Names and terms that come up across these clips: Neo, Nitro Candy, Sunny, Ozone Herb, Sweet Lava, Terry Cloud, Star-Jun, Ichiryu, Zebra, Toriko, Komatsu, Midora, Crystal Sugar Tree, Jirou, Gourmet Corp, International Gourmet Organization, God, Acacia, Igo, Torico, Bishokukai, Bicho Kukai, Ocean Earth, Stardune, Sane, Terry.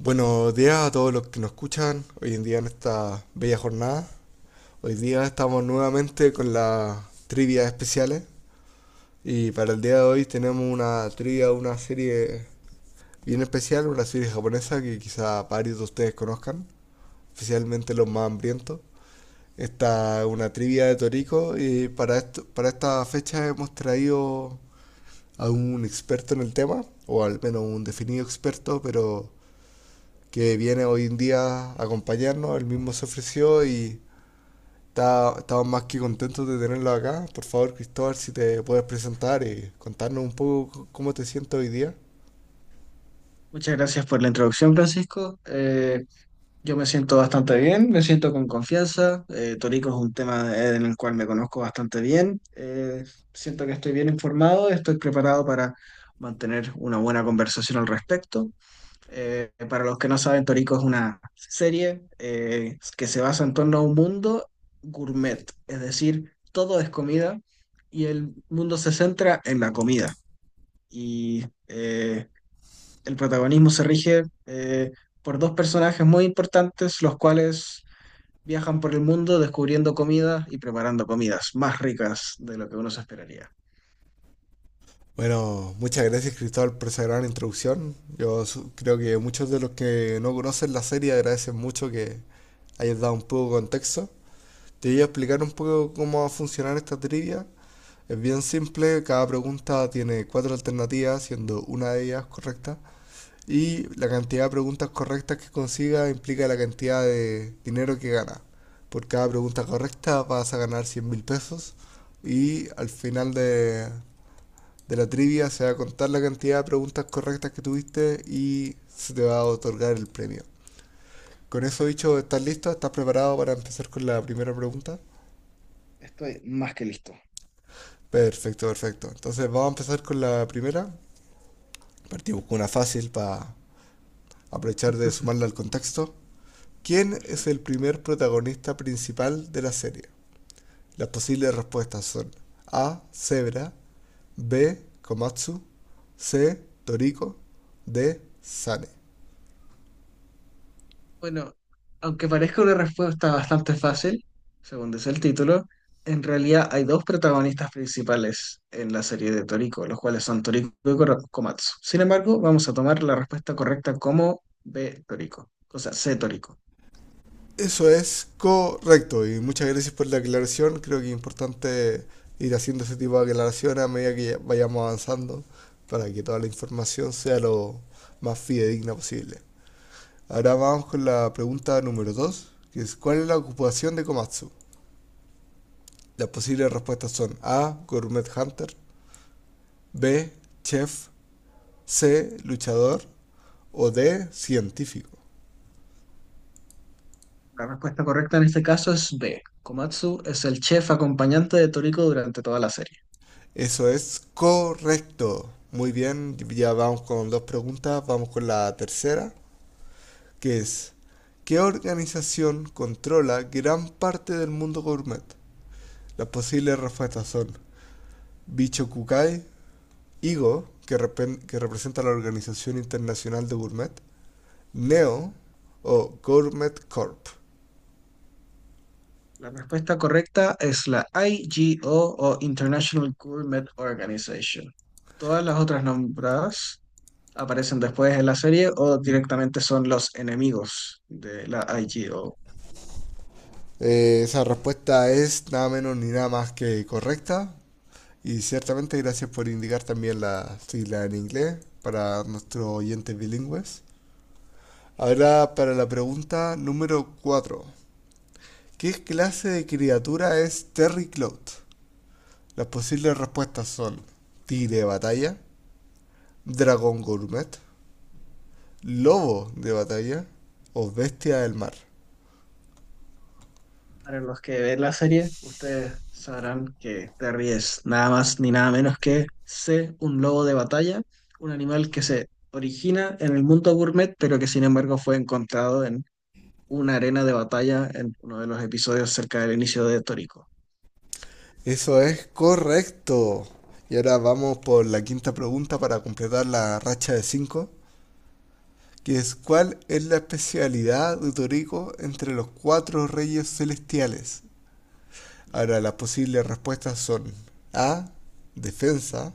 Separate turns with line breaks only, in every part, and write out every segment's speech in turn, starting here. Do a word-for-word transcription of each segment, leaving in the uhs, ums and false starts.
Buenos días a todos los que nos escuchan hoy en día en esta bella jornada. Hoy día estamos nuevamente con las trivias especiales y para el día de hoy tenemos una trivia, una serie bien especial, una serie japonesa que quizá varios de ustedes conozcan, especialmente los más hambrientos. Esta es una trivia de Toriko y para, esto, para esta fecha hemos traído a un experto en el tema, o al menos un definido experto, pero que viene hoy en día a acompañarnos, él mismo se ofreció y está- estamos más que contentos de tenerlo acá. Por favor, Cristóbal, si te puedes presentar y contarnos un poco cómo te sientes hoy día.
Muchas gracias por la introducción, Francisco. Eh, yo me siento bastante bien, me siento con confianza. Eh, Torico es un tema eh, en el cual me conozco bastante bien. Eh, siento que estoy bien informado, estoy preparado para mantener una buena conversación al respecto. Eh, para los que no saben, Torico es una serie eh, que se basa en torno a un mundo gourmet, es decir, todo es comida y el mundo se centra en la comida. Y eh, el protagonismo se rige eh, por dos personajes muy importantes, los cuales viajan por el mundo descubriendo comida y preparando comidas más ricas de lo que uno se esperaría.
Bueno, muchas gracias Cristóbal por esa gran introducción. Yo creo que muchos de los que no conocen la serie agradecen mucho que hayas dado un poco de contexto. Te voy a explicar un poco cómo va a funcionar esta trivia. Es bien simple, cada pregunta tiene cuatro alternativas, siendo una de ellas correcta. Y la cantidad de preguntas correctas que consiga implica la cantidad de dinero que gana. Por cada pregunta correcta vas a ganar cien mil pesos y al final de, de la trivia se va a contar la cantidad de preguntas correctas que tuviste y se te va a otorgar el premio. Con eso
Perfecto.
dicho, ¿estás listo? ¿Estás preparado para empezar con la primera pregunta?
Estoy más que listo.
Perfecto, perfecto. Entonces vamos a empezar con la primera. Partimos con una fácil para aprovechar de sumarla al contexto. ¿Quién es
Perfecto.
el primer protagonista principal de la serie? Las posibles respuestas son A. Zebra. B. Komatsu. C. Toriko. D. Sane.
Bueno, aunque parezca una respuesta bastante fácil, según dice el título, en realidad hay dos protagonistas principales en la serie de Toriko, los cuales son Toriko y Koro- Komatsu. Sin embargo, vamos a tomar la respuesta correcta como B Toriko, o sea, C Toriko.
Eso es correcto y muchas gracias por la aclaración. Creo que es importante ir haciendo ese tipo de aclaraciones a medida que vayamos avanzando para que toda la información sea lo más fidedigna posible. Ahora vamos con la pregunta número dos, que es ¿cuál es la ocupación de Komatsu? Las posibles respuestas son A. Gourmet Hunter. B. Chef. C. Luchador. O D. Científico.
La respuesta correcta en este caso es B. Komatsu es el chef acompañante de Toriko durante toda la serie.
Eso es correcto. Muy bien, ya vamos con dos preguntas. Vamos con la tercera, que es, ¿qué organización controla gran parte del mundo gourmet? Las posibles respuestas son Bicho Kukai, Igo, que, repen- que representa la Organización Internacional de Gourmet, Neo o Gourmet corp.
La respuesta correcta es la IGO o o International Gourmet Organization. Todas las otras nombradas aparecen después en la serie o directamente son los enemigos de la I G O.
Eh, esa respuesta es nada menos ni nada más que correcta. Y ciertamente gracias por indicar también la sigla en inglés para nuestros oyentes bilingües. Ahora para la pregunta número cuatro, ¿qué clase de criatura es Terry Cloud? Las posibles respuestas son tigre de batalla, dragón gourmet, lobo de batalla o bestia del mar.
Para los que ven la serie, ustedes sabrán que Terry es nada más ni nada menos que C, un lobo de batalla, un animal que se origina en el mundo gourmet, pero que sin embargo fue encontrado en una arena de batalla en uno de los episodios cerca del inicio de Toriko.
Eso es correcto. Y ahora vamos por la quinta pregunta para completar la racha de cinco, que es ¿cuál es la especialidad de Toriko entre los cuatro reyes celestiales? Ahora las posibles respuestas son A, defensa,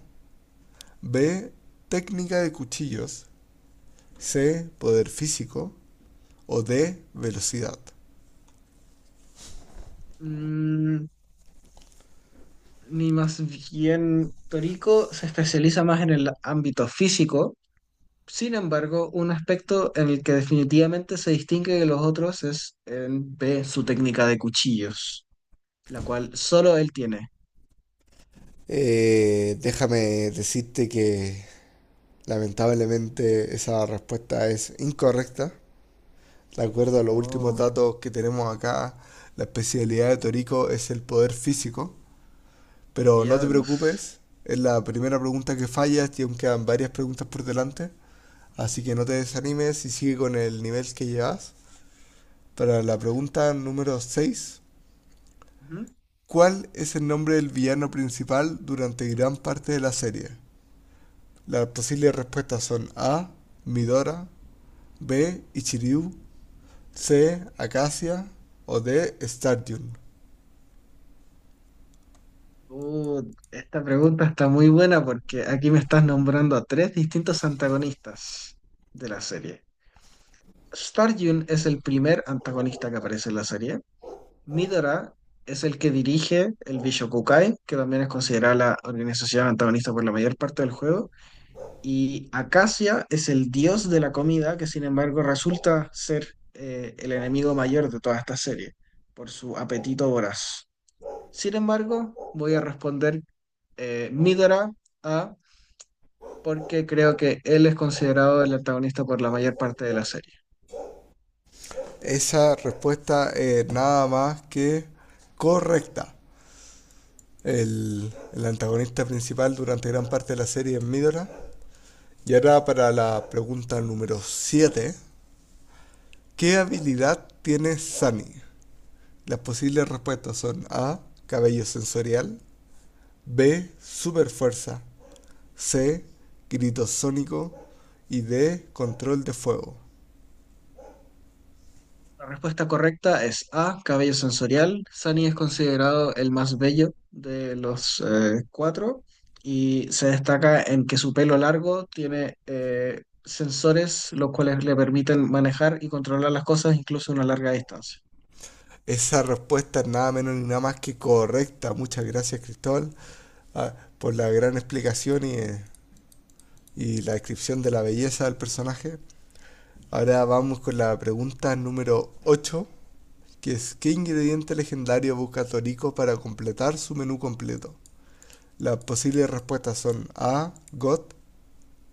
B, técnica de cuchillos, C, poder físico o D, velocidad.
Mm, ni más bien, Toriko se especializa más en el ámbito físico, sin embargo, un aspecto en el que definitivamente se distingue de los otros es en B, su técnica de cuchillos, la cual solo él tiene.
Eh, déjame decirte que lamentablemente esa respuesta es incorrecta. De acuerdo a los últimos
Oh,
datos que tenemos acá, la especialidad de Torico es el poder físico. Pero no te
diablos.
preocupes, es la primera pregunta que fallas y aún quedan varias preguntas por delante. Así que no te desanimes y sigue con el nivel que llevas. Para la
Perfecto.
pregunta número seis,
Ujú.
¿cuál es el nombre del villano principal durante gran parte de la serie? Las posibles respuestas son A, Midora, B, Ichiryu, C, Acacia o D, Stardune.
Uh, esta pregunta está muy buena porque aquí me estás nombrando a tres distintos antagonistas de la serie. Star-Jun es el primer antagonista que aparece en la serie. Midora es el que dirige el Bishokukai, que también es considerada la organización antagonista por la mayor parte del juego. Y Acacia es el dios de la comida, que sin embargo resulta ser eh, el enemigo mayor de toda esta serie, por su apetito voraz. Sin embargo, voy a responder eh, Midora A, porque creo que él es considerado el antagonista por la mayor parte de la serie.
Esa respuesta es nada más que correcta. El, el antagonista principal durante gran parte de la serie es Midora. Y ahora para la pregunta número siete, ¿qué habilidad tiene Sunny? Las posibles respuestas son A. Cabello sensorial. B. Super fuerza. C. Grito sónico. Y D. Control de fuego.
La respuesta correcta es A, cabello sensorial. Sunny es considerado el más bello de los eh, cuatro y se destaca en que su pelo largo tiene eh, sensores los cuales le permiten manejar y controlar las cosas incluso a una larga distancia.
Esa respuesta es nada menos ni nada más que correcta. Muchas gracias, Cristóbal, ah, por la gran explicación y, eh, y la descripción de la belleza del personaje. Ahora vamos con la pregunta número ocho, que es ¿qué ingrediente legendario busca Toriko para completar su menú completo? Las posibles respuestas son A, God,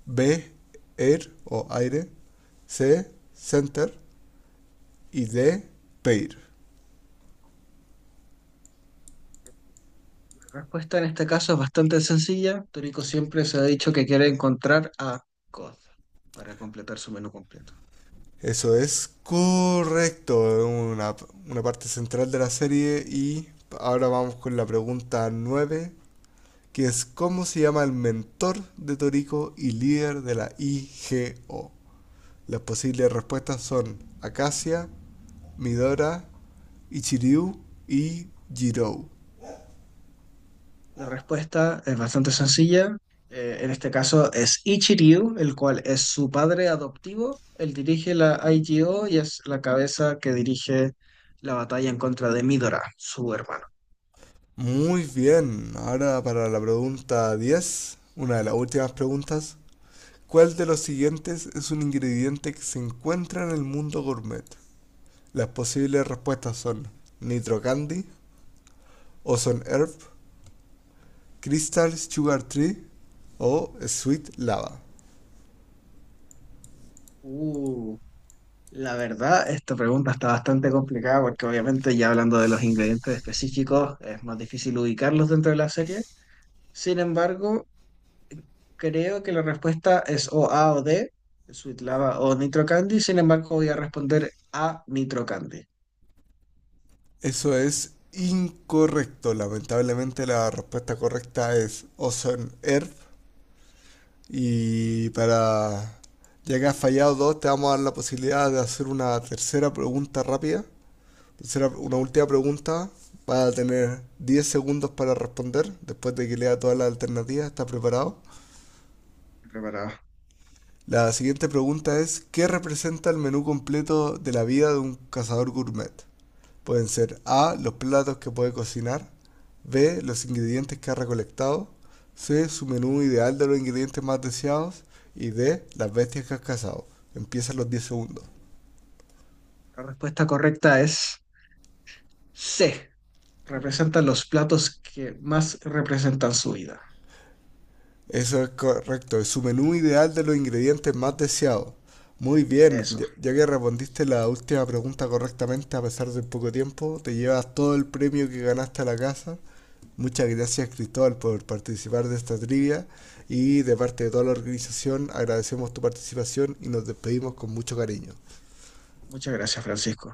B, Air o aire, C, Center y D, Pair.
La respuesta en este caso es bastante sencilla. Toriko siempre se ha dicho que quiere encontrar a God para completar su menú completo.
Eso es correcto, una, una parte central de la serie, y ahora vamos con la pregunta nueve, que es cómo se llama el mentor de Toriko y líder de la I G O. Las posibles respuestas son Acacia, Midora, Ichiryu y Jirou.
La respuesta es bastante sencilla. Eh, en este caso es Ichiryu, el cual es su padre adoptivo. Él dirige la I G O y es la cabeza que dirige la batalla en contra de Midora, su hermano.
Muy bien, ahora para la pregunta diez, una de las últimas preguntas. ¿Cuál de los siguientes es un ingrediente que se encuentra en el mundo gourmet? Las posibles respuestas son Nitro Candy, Ozone Herb, Crystal Sugar Tree o Sweet Lava.
Uh, la verdad, esta pregunta está bastante complicada porque obviamente ya hablando de los ingredientes específicos es más difícil ubicarlos dentro de la serie. Sin embargo, creo que la respuesta es o A o D, Sweet Lava o Nitro Candy. Sin embargo, voy a responder a Nitro Candy.
Eso es incorrecto. Lamentablemente la respuesta correcta es Ocean Earth. Y para... Ya que has fallado dos, te vamos a dar la posibilidad de hacer una tercera pregunta rápida. Tercera- una
Perfecto,
última pregunta. Vas a tener diez segundos para responder después de que lea todas las alternativas. ¿Estás preparado?
estoy preparado.
La siguiente pregunta es, ¿qué representa el menú completo de la vida de un cazador gourmet? Pueden ser A, los platos que puede cocinar, B, los ingredientes que ha recolectado, C, su menú ideal de los ingredientes más deseados y D, las bestias que has cazado. Empiezan los diez segundos.
La respuesta correcta es C. Representan los platos que más representan su vida.
Eso es correcto, es su menú ideal de los ingredientes más deseados. Muy bien,
Eso.
ya ya que respondiste la última pregunta correctamente a pesar del poco tiempo, te llevas todo el premio que ganaste a la casa. Muchas gracias Cristóbal por participar de esta trivia y de parte de toda la organización agradecemos tu participación y nos despedimos con mucho cariño.
Muchas gracias, Francisco.